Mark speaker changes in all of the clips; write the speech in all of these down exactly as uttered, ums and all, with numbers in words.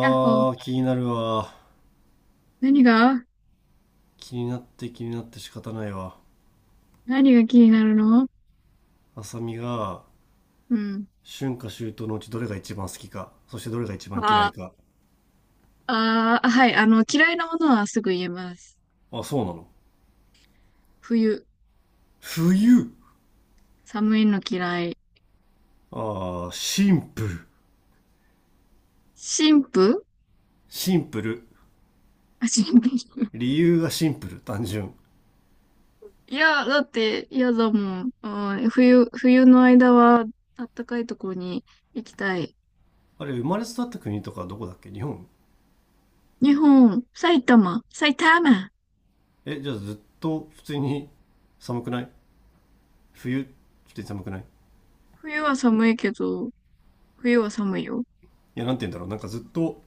Speaker 1: あ、ほう。
Speaker 2: ー、気になるわ。
Speaker 1: 何が。
Speaker 2: 気になって気になって仕方ないわ。
Speaker 1: 何が気になるの？
Speaker 2: 浅見が、
Speaker 1: うん。
Speaker 2: 春夏秋冬のうちどれが一番好きか、そしてどれが一番嫌い
Speaker 1: あ
Speaker 2: か。
Speaker 1: あ、あはい。あの、嫌いなものはすぐ言えます。
Speaker 2: あ、そうなの。
Speaker 1: 冬、
Speaker 2: 冬、
Speaker 1: 寒いの嫌い。
Speaker 2: あー、シンプル。
Speaker 1: 神父。
Speaker 2: シンプル。
Speaker 1: あ、神父。
Speaker 2: 理由がシンプル、単純。
Speaker 1: いや、だって嫌だもん。うん、冬、冬の間は、あったかいとこに行きたい。
Speaker 2: あれ、生まれ育った国とかどこだっけ、日本？
Speaker 1: 日本、埼玉、埼玉。
Speaker 2: え、じゃあずっと普通に寒くない？冬、普通に寒くない？
Speaker 1: 冬は寒いけど、冬は寒いよ。
Speaker 2: いや、なんて言うんだろう。なんかずっと、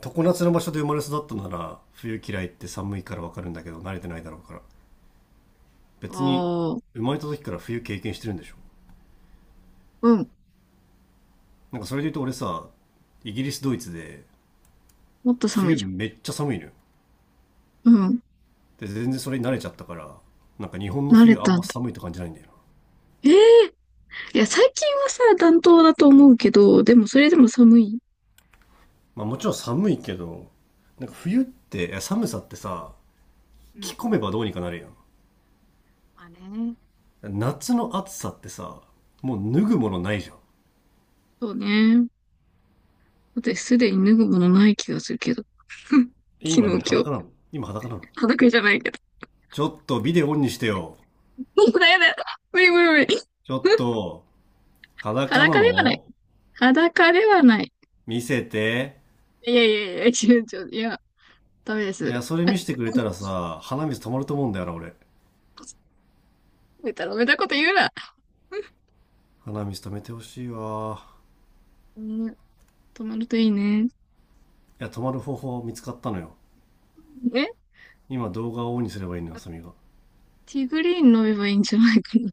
Speaker 2: 常夏の場所で生まれ育ったなら、冬嫌いって寒いからわかるんだけど、慣れてないだろうから。別に
Speaker 1: ああ、
Speaker 2: 生まれた時から冬経験してるんでしょ？
Speaker 1: うん。
Speaker 2: なんかそれで言うと俺さ、イギリスドイツで
Speaker 1: もっと寒い
Speaker 2: 冬
Speaker 1: じゃん。
Speaker 2: めっちゃ寒いのよ。
Speaker 1: うん。
Speaker 2: で、全然それに慣れちゃったから、なんか日本の
Speaker 1: 慣れ
Speaker 2: 冬あん
Speaker 1: たん
Speaker 2: ま
Speaker 1: だ。
Speaker 2: 寒いって感じないんだよな。
Speaker 1: ええいや、最近はさ、暖冬だと思うけど、でもそれでも寒い。
Speaker 2: まあもちろん寒いけど、なんか冬っていや寒さってさ、
Speaker 1: う
Speaker 2: 着
Speaker 1: ん。
Speaker 2: 込めばどうにかなるや
Speaker 1: まあね。
Speaker 2: ん。夏の暑さってさ、もう脱ぐものないじゃん。
Speaker 1: そうね。だってすでに脱ぐものない気がするけど。
Speaker 2: え、
Speaker 1: 昨日、
Speaker 2: 今
Speaker 1: 今
Speaker 2: 何、
Speaker 1: 日。
Speaker 2: 裸なの？今裸なの？
Speaker 1: 裸じゃないけど。
Speaker 2: ちょっとビデオオンにしてよ。
Speaker 1: もうだやだ。無理無理無理。
Speaker 2: ちょっ と、裸な
Speaker 1: 裸ではない。
Speaker 2: の？
Speaker 1: 裸ではない。
Speaker 2: 見せて。
Speaker 1: いやいやいや、ちょ、ちょ、いや、ダメで
Speaker 2: い
Speaker 1: す。
Speaker 2: や、それ見せてくれたらさ、鼻水止まると思うんだよな、俺。
Speaker 1: ベタベタこと言うな。
Speaker 2: 鼻水止めてほしいわ。
Speaker 1: うん、止まるといいね。
Speaker 2: いや、止まる方法見つかったのよ。
Speaker 1: え
Speaker 2: 今動画をオンにすればいいのよ、サミが。
Speaker 1: ティーグリーン飲めばいいんじゃないかな。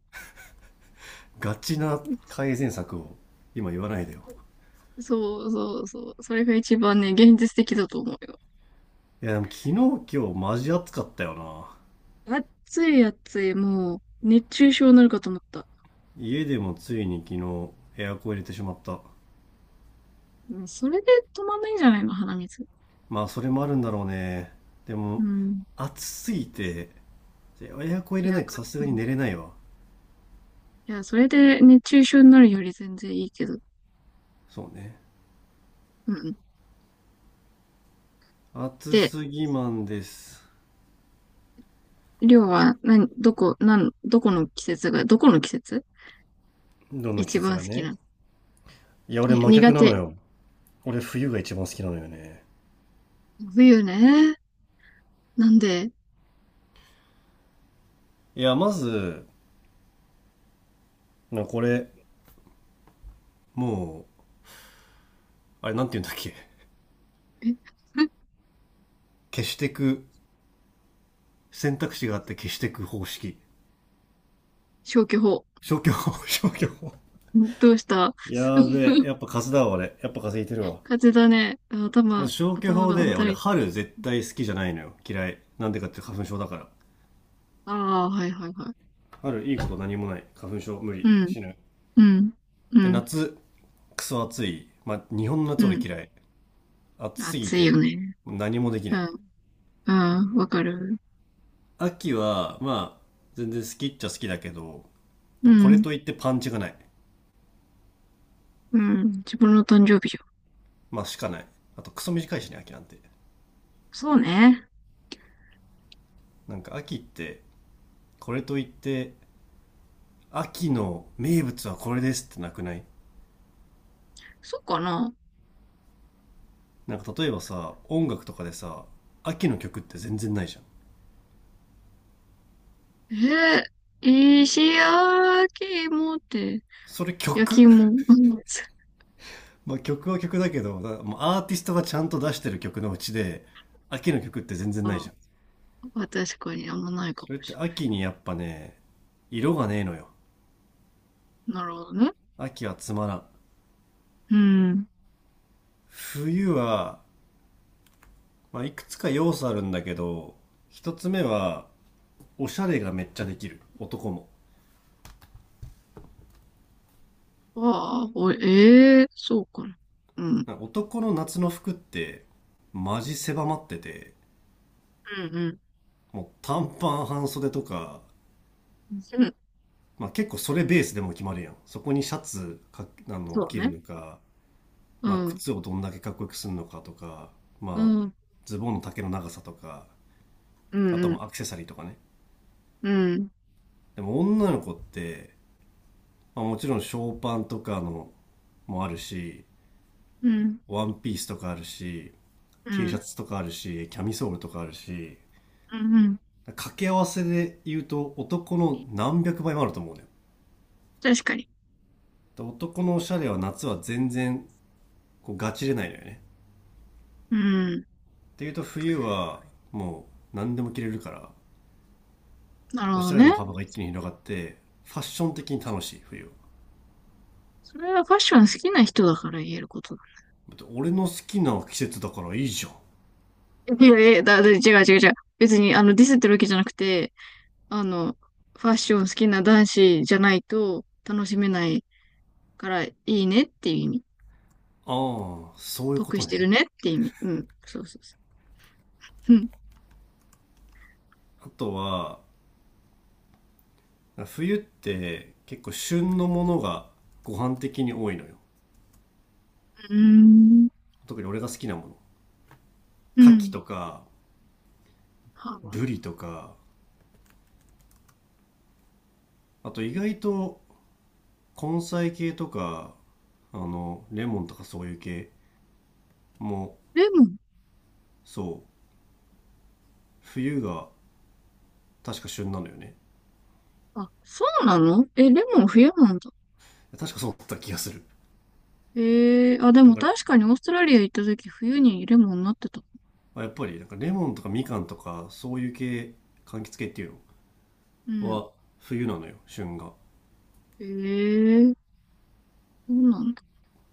Speaker 2: ガチな 改善策を今言わないでよ。
Speaker 1: そうそうそう。それが一番ね、現実的だと思うよ。
Speaker 2: いや、でも昨日今日マジ暑かったよな。
Speaker 1: 暑い暑い、もう、熱中症になるかと思った。
Speaker 2: 家でもついに昨日エアコン入れてしまった。
Speaker 1: うん、それで止まんないんじゃないの、鼻水。
Speaker 2: まあ、それもあるんだろうね。で
Speaker 1: う
Speaker 2: も、
Speaker 1: ん。
Speaker 2: 暑すぎて、エアコン入
Speaker 1: い
Speaker 2: れな
Speaker 1: や、
Speaker 2: いと
Speaker 1: か、
Speaker 2: さすがに
Speaker 1: うん。い
Speaker 2: 寝れないわ。
Speaker 1: や、それで熱中症になるより全然いいけど。
Speaker 2: そうね。
Speaker 1: うん。
Speaker 2: 暑
Speaker 1: で、
Speaker 2: すぎマンです。
Speaker 1: りょうは、などこ、なん、どこの季節が、どこの季節
Speaker 2: どの季
Speaker 1: 一
Speaker 2: 節
Speaker 1: 番
Speaker 2: が
Speaker 1: 好きな
Speaker 2: ね。
Speaker 1: の？
Speaker 2: いや、
Speaker 1: い
Speaker 2: 俺
Speaker 1: や
Speaker 2: 真逆
Speaker 1: 苦
Speaker 2: なの
Speaker 1: 手。
Speaker 2: よ。俺冬が一番好きなのよね。
Speaker 1: 冬ね。なんで、
Speaker 2: いや、まず、なこれ、もう、あれなんて言うんだっけ。
Speaker 1: え、
Speaker 2: 消してく、選択肢があって消してく方式。
Speaker 1: 消去法。
Speaker 2: 消去法、消去法。
Speaker 1: んどうした？
Speaker 2: やーべえ、やっぱ数だわ、俺。やっぱ風いてるわ。
Speaker 1: 風邪だね。あ
Speaker 2: ま
Speaker 1: 頭、
Speaker 2: ず消去
Speaker 1: 頭
Speaker 2: 法
Speaker 1: が
Speaker 2: で、俺
Speaker 1: 働いてる。
Speaker 2: 春絶対好きじゃないのよ。嫌い。なんでかって花粉症だから。
Speaker 1: ああ、はいはいはい。
Speaker 2: 春いいこと何もない。花粉症無
Speaker 1: う
Speaker 2: 理。
Speaker 1: ん、
Speaker 2: 死ぬ。
Speaker 1: うん、う
Speaker 2: で、
Speaker 1: ん、
Speaker 2: 夏、クソ暑い。まあ、日本の
Speaker 1: う
Speaker 2: 夏俺
Speaker 1: ん。
Speaker 2: 嫌い。暑すぎ
Speaker 1: 暑いよ
Speaker 2: て、
Speaker 1: ね。
Speaker 2: 何もできな
Speaker 1: う
Speaker 2: い。
Speaker 1: ん。うん。わかる。
Speaker 2: 秋は、まあ、全然好きっちゃ好きだけど、
Speaker 1: う
Speaker 2: これ
Speaker 1: ん。
Speaker 2: といってパンチがない。
Speaker 1: うん。自分の誕生日じゃん。
Speaker 2: まあ、しかない。あと、クソ短いしね、秋なんて。
Speaker 1: そうね。
Speaker 2: なんか、秋って、これといって、秋の名物はこれですってなくない？
Speaker 1: そうかな。
Speaker 2: なんか、例えばさ、音楽とかでさ、秋の曲って全然ないじゃん。
Speaker 1: えー、石焼き芋って、
Speaker 2: それ
Speaker 1: 焼き
Speaker 2: 曲？
Speaker 1: 芋。うん。
Speaker 2: まあ、曲は曲だけど、だもうアーティストがちゃんと出してる曲のうちで、秋の曲って全然ない
Speaker 1: あ、
Speaker 2: じゃん。
Speaker 1: 確かにあんまないかも
Speaker 2: それって
Speaker 1: し
Speaker 2: 秋にやっぱね、色がねえのよ。
Speaker 1: れない。なるほどね。
Speaker 2: 秋はつまらん。
Speaker 1: うん。
Speaker 2: 冬はまあ、いくつか要素あるんだけど、一つ目は、おしゃれがめっちゃできる。男も。
Speaker 1: ああ、お、ええー、そうかな。うん。
Speaker 2: なんか男の夏の服って、マジ狭まってて、
Speaker 1: うん、うん。
Speaker 2: もう短パン半袖とか、
Speaker 1: うん。
Speaker 2: まあ結構それベースでも決まるやん。そこにシャツか、あの、
Speaker 1: そう
Speaker 2: 着る
Speaker 1: ね。
Speaker 2: のか、
Speaker 1: う
Speaker 2: まあ
Speaker 1: ん。
Speaker 2: 靴をどんだけかっこよくするのかとか、
Speaker 1: う
Speaker 2: まあ、
Speaker 1: ん。
Speaker 2: ズボンの丈の長さとか、
Speaker 1: う
Speaker 2: あと
Speaker 1: ん、う
Speaker 2: はも
Speaker 1: ん。
Speaker 2: うアクセサリーとかね。
Speaker 1: うん。
Speaker 2: でも女の子って、まあ、もちろんショーパンとかのもあるし、
Speaker 1: うん。
Speaker 2: ワンピースとかあるし、
Speaker 1: う
Speaker 2: T シャ
Speaker 1: ん。
Speaker 2: ツとかあるし、キャミソールとかあるし、
Speaker 1: うん。
Speaker 2: 掛け合わせで言うと男の何百倍もあると思うのよ。
Speaker 1: 確かに。
Speaker 2: 男のおしゃれは夏は全然こうガチれないのよね。
Speaker 1: うん。
Speaker 2: っていうと冬はもう何でも着れるから、
Speaker 1: なるほ
Speaker 2: おし
Speaker 1: ど
Speaker 2: ゃれ
Speaker 1: ね。
Speaker 2: の幅が一気に広がって、ファッション的に楽しい、冬は。
Speaker 1: それはファッション好きな人だから言えることだ。
Speaker 2: だって俺の好きな季節だからいいじゃん。あ
Speaker 1: いやいや、だ、だ違う違う違う。別に、あの、ディスってるわけじゃなくて、あの、ファッション好きな男子じゃないと楽しめないからいいねっていう意味。
Speaker 2: あ、そういうこ
Speaker 1: 得
Speaker 2: と
Speaker 1: してる
Speaker 2: ね。
Speaker 1: ねって意味。うん。そうそうそう。うん。
Speaker 2: あとは、冬って結構旬のものがご飯的に多いのよ。
Speaker 1: うーん。
Speaker 2: 特に俺が好きなもの、
Speaker 1: う
Speaker 2: 牡蠣
Speaker 1: ん。
Speaker 2: とか
Speaker 1: ハーバー。
Speaker 2: ブリとか、あと意外と根菜系とか、あのレモンとかそういう系も、
Speaker 1: レモン。
Speaker 2: そう、冬が確か旬なのよね。
Speaker 1: あ、そうなの？え、レモン冬なんだ。
Speaker 2: 確かそうだった気がする。
Speaker 1: ええ、あ、で
Speaker 2: なん
Speaker 1: も
Speaker 2: か
Speaker 1: 確かにオーストラリア行った時冬にレモンなってた。
Speaker 2: やっぱり、なんかレモンとかみかんとかそういう系、柑橘系っていう
Speaker 1: う
Speaker 2: の
Speaker 1: ん。
Speaker 2: は冬なのよ、旬が。
Speaker 1: ええ、そうなんだ。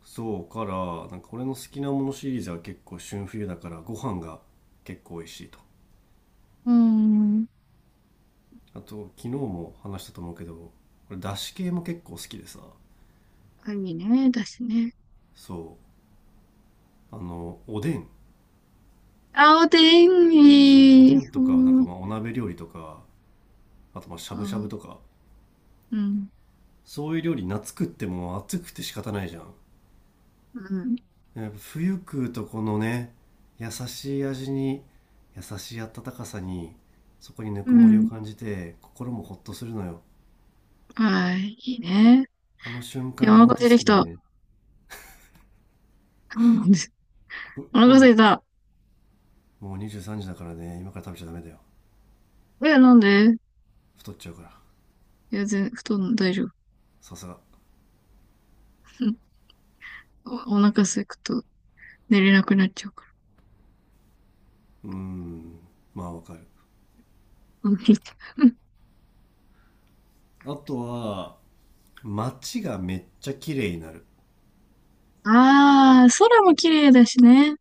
Speaker 2: そうから、なんか俺の好きなものシリーズは結構旬冬だから、ご飯が結構美味しいと。
Speaker 1: うーん。
Speaker 2: あと昨日も話したと思うけど、これだし系も結構好きでさ、
Speaker 1: 神ね、だしね。
Speaker 2: そう、あのおでん、
Speaker 1: 青天
Speaker 2: そうおで
Speaker 1: に。
Speaker 2: ん
Speaker 1: う
Speaker 2: とか、なんか
Speaker 1: ん、
Speaker 2: まあお鍋料理とか、あとまあしゃ
Speaker 1: あ、
Speaker 2: ぶしゃぶとか、
Speaker 1: うん、
Speaker 2: そういう料理夏食っても暑くて仕方ないじゃん。
Speaker 1: うん、
Speaker 2: やっぱ冬食うとこのね、優しい味に、優しい温かさに、そこにぬ
Speaker 1: う
Speaker 2: くもりを
Speaker 1: ん。
Speaker 2: 感じて心もほっとするのよ。
Speaker 1: はい、いいね。
Speaker 2: あの瞬
Speaker 1: い
Speaker 2: 間
Speaker 1: や、お
Speaker 2: がほん
Speaker 1: 腹
Speaker 2: と
Speaker 1: 空
Speaker 2: 好
Speaker 1: いてき
Speaker 2: きだ
Speaker 1: た。
Speaker 2: ね。
Speaker 1: うん。
Speaker 2: う
Speaker 1: お
Speaker 2: う
Speaker 1: 腹空
Speaker 2: ん、
Speaker 1: いた。
Speaker 2: もうにじゅうさんじだからね、今から食べちゃダメだよ。
Speaker 1: え、なんで？
Speaker 2: 太っちゃうから。
Speaker 1: いや、全、布団大丈夫。
Speaker 2: さすが。
Speaker 1: うん。お、お腹空くと寝れなくなっちゃうか
Speaker 2: うん、まあわかる。
Speaker 1: ら。うん。
Speaker 2: あとは街がめっちゃ綺麗になる。
Speaker 1: ああ、空も綺麗だしね。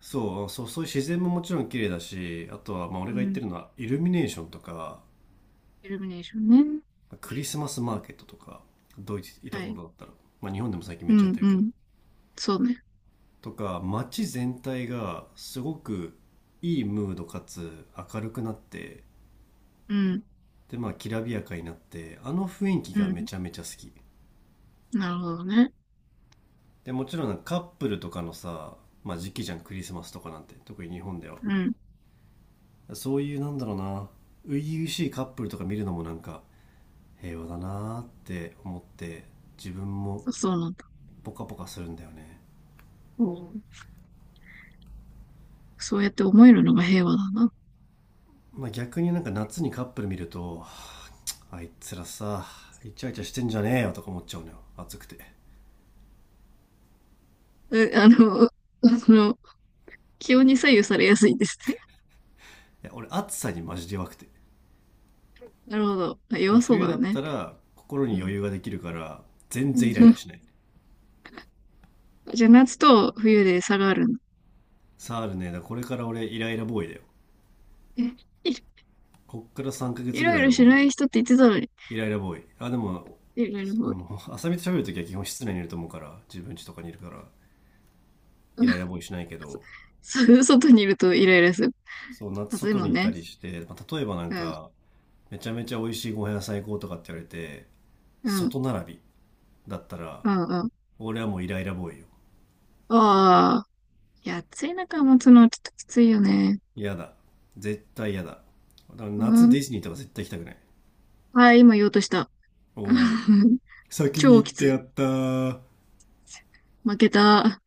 Speaker 2: そうそう、そういう自然ももちろん綺麗だし、あとはまあ
Speaker 1: う
Speaker 2: 俺が言って
Speaker 1: ん。
Speaker 2: るのはイルミネーションとか、
Speaker 1: イルミネーションね。
Speaker 2: クリスマスマーケットとか、ドイツいた
Speaker 1: は
Speaker 2: 頃
Speaker 1: い。
Speaker 2: だったら、まあ、日本でも最近
Speaker 1: う
Speaker 2: めっちゃやっ
Speaker 1: ん、
Speaker 2: てる
Speaker 1: う
Speaker 2: けど、
Speaker 1: ん。そうね。
Speaker 2: とか街全体がすごくいいムードかつ明るくなって、
Speaker 1: うん、
Speaker 2: でまあきらびやかになって、あの雰囲気
Speaker 1: う
Speaker 2: が
Speaker 1: ん。
Speaker 2: めちゃめちゃ好き。
Speaker 1: なるほどね。
Speaker 2: でもちろんなんかカップルとかのさ、まあ、時期じゃんクリスマスとかなんて特に日本では。
Speaker 1: うん。
Speaker 2: そういうなんだろうな、初々しいカップルとか見るのもなんか平和だなって思って、自分も
Speaker 1: そうなんだ。
Speaker 2: ポカポカするんだよね。
Speaker 1: おー、そうやって思えるのが平和だな。
Speaker 2: まあ、逆になんか夏にカップル見ると、あいつらさ、イチャイチャしてんじゃねえよとか思っちゃうのよ、暑くて。い
Speaker 1: うあの、その、気温に左右されやすいんですね。
Speaker 2: や俺暑さにマジで弱くて、
Speaker 1: なるほど。あ、
Speaker 2: で
Speaker 1: 弱
Speaker 2: も
Speaker 1: そう
Speaker 2: 冬
Speaker 1: だ
Speaker 2: だっ
Speaker 1: ね。
Speaker 2: たら心
Speaker 1: う
Speaker 2: に余
Speaker 1: ん。
Speaker 2: 裕ができるから、全然イライラし ない。
Speaker 1: じゃあ、夏と冬で差があるんだ。
Speaker 2: サールねだからこれから俺イライラボーイだよ。
Speaker 1: え、い
Speaker 2: こっから3ヶ
Speaker 1: い
Speaker 2: 月
Speaker 1: ろ
Speaker 2: ぐ
Speaker 1: ライ
Speaker 2: らい
Speaker 1: ラ
Speaker 2: は
Speaker 1: し
Speaker 2: も
Speaker 1: な
Speaker 2: う
Speaker 1: い人って言ってたのに。
Speaker 2: イライラボーイ。あ、でも、
Speaker 1: いろいろ
Speaker 2: あ
Speaker 1: もう、
Speaker 2: の、浅見と喋るときは基本室内にいると思うから、自分家とかにいるから、イライラボーイしないけ ど、
Speaker 1: そそ外にいるとイライラする。
Speaker 2: そう、夏
Speaker 1: 暑い
Speaker 2: 外
Speaker 1: もん
Speaker 2: にいた
Speaker 1: ね。
Speaker 2: りして、まあ、例えばなん
Speaker 1: うん、
Speaker 2: か、めちゃめちゃ美味しいご飯屋さん行こうとかって言われて、
Speaker 1: うん、
Speaker 2: 外並びだったら、
Speaker 1: うん、うん。
Speaker 2: 俺はもうイライラボーイよ。
Speaker 1: ああ、いや、暑い中持つのはちょっときついよね。
Speaker 2: 嫌だ。絶対嫌だ。だから
Speaker 1: う
Speaker 2: 夏デ
Speaker 1: ん。
Speaker 2: ィズニーとか絶対行きたくない。
Speaker 1: はい、今言おうとした。
Speaker 2: おお、先に
Speaker 1: 超
Speaker 2: 行っ
Speaker 1: き
Speaker 2: て
Speaker 1: つ
Speaker 2: や
Speaker 1: い。
Speaker 2: ったー。
Speaker 1: 負けた。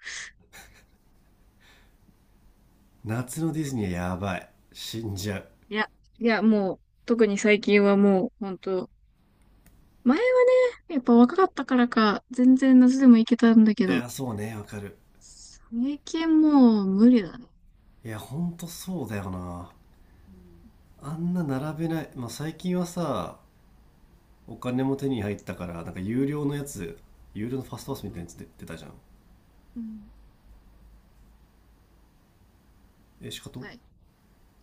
Speaker 2: 夏のディズニーはやばい。死んじゃう。
Speaker 1: いや、いや、もう、特に最近はもう、ほんと、前はね、やっぱ若かったからか、全然夏でも行けたんだけ
Speaker 2: い
Speaker 1: ど、
Speaker 2: や、そうね、わかる。
Speaker 1: 最近もう無理だね。
Speaker 2: いや、ほんとそうだよな。
Speaker 1: うん。
Speaker 2: あんな並べない。まあ、最近はさ、お金も手に入ったから、なんか有料のやつ、有料のファス
Speaker 1: う
Speaker 2: トパスみたいな
Speaker 1: ん。
Speaker 2: やつで出たじゃん。
Speaker 1: うん。
Speaker 2: えしかと。
Speaker 1: はい。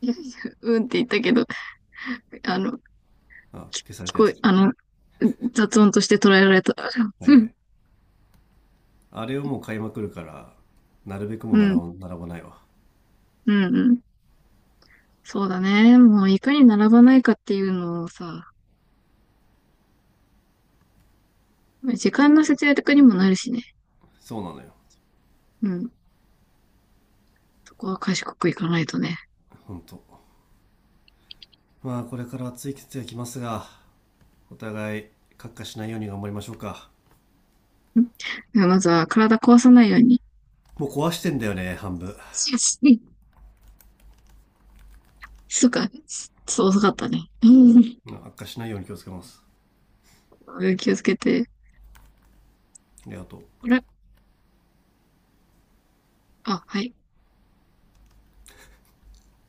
Speaker 1: いやいや、うんって言ったけど、あの、
Speaker 2: あ、
Speaker 1: き
Speaker 2: 消され
Speaker 1: 聞
Speaker 2: たや
Speaker 1: こえ、
Speaker 2: つ。
Speaker 1: あの、雑音として捉えられた。
Speaker 2: はい
Speaker 1: う
Speaker 2: は
Speaker 1: ん。
Speaker 2: い、あれをもう買いまくるから、なるべくも
Speaker 1: う
Speaker 2: う並
Speaker 1: ん。
Speaker 2: ば並ばないわ。
Speaker 1: うん。うん。そうだね。もう、いかに並ばないかっていうのをさ、時間の節約にもなるしね。
Speaker 2: そうなのよ。
Speaker 1: うん。そこは賢くいかないとね。
Speaker 2: ほんと。まあこれから暑い季節が来ますが、お互い悪化しないように頑張りましょうか。
Speaker 1: んではまずは体壊さないように。
Speaker 2: もう壊してんだよね、半分。
Speaker 1: そうか。そう、遅かったね。うん。
Speaker 2: うん、悪化しないように気をつけます。
Speaker 1: 気をつけて。
Speaker 2: でありがとう。
Speaker 1: あれ？あ、はい。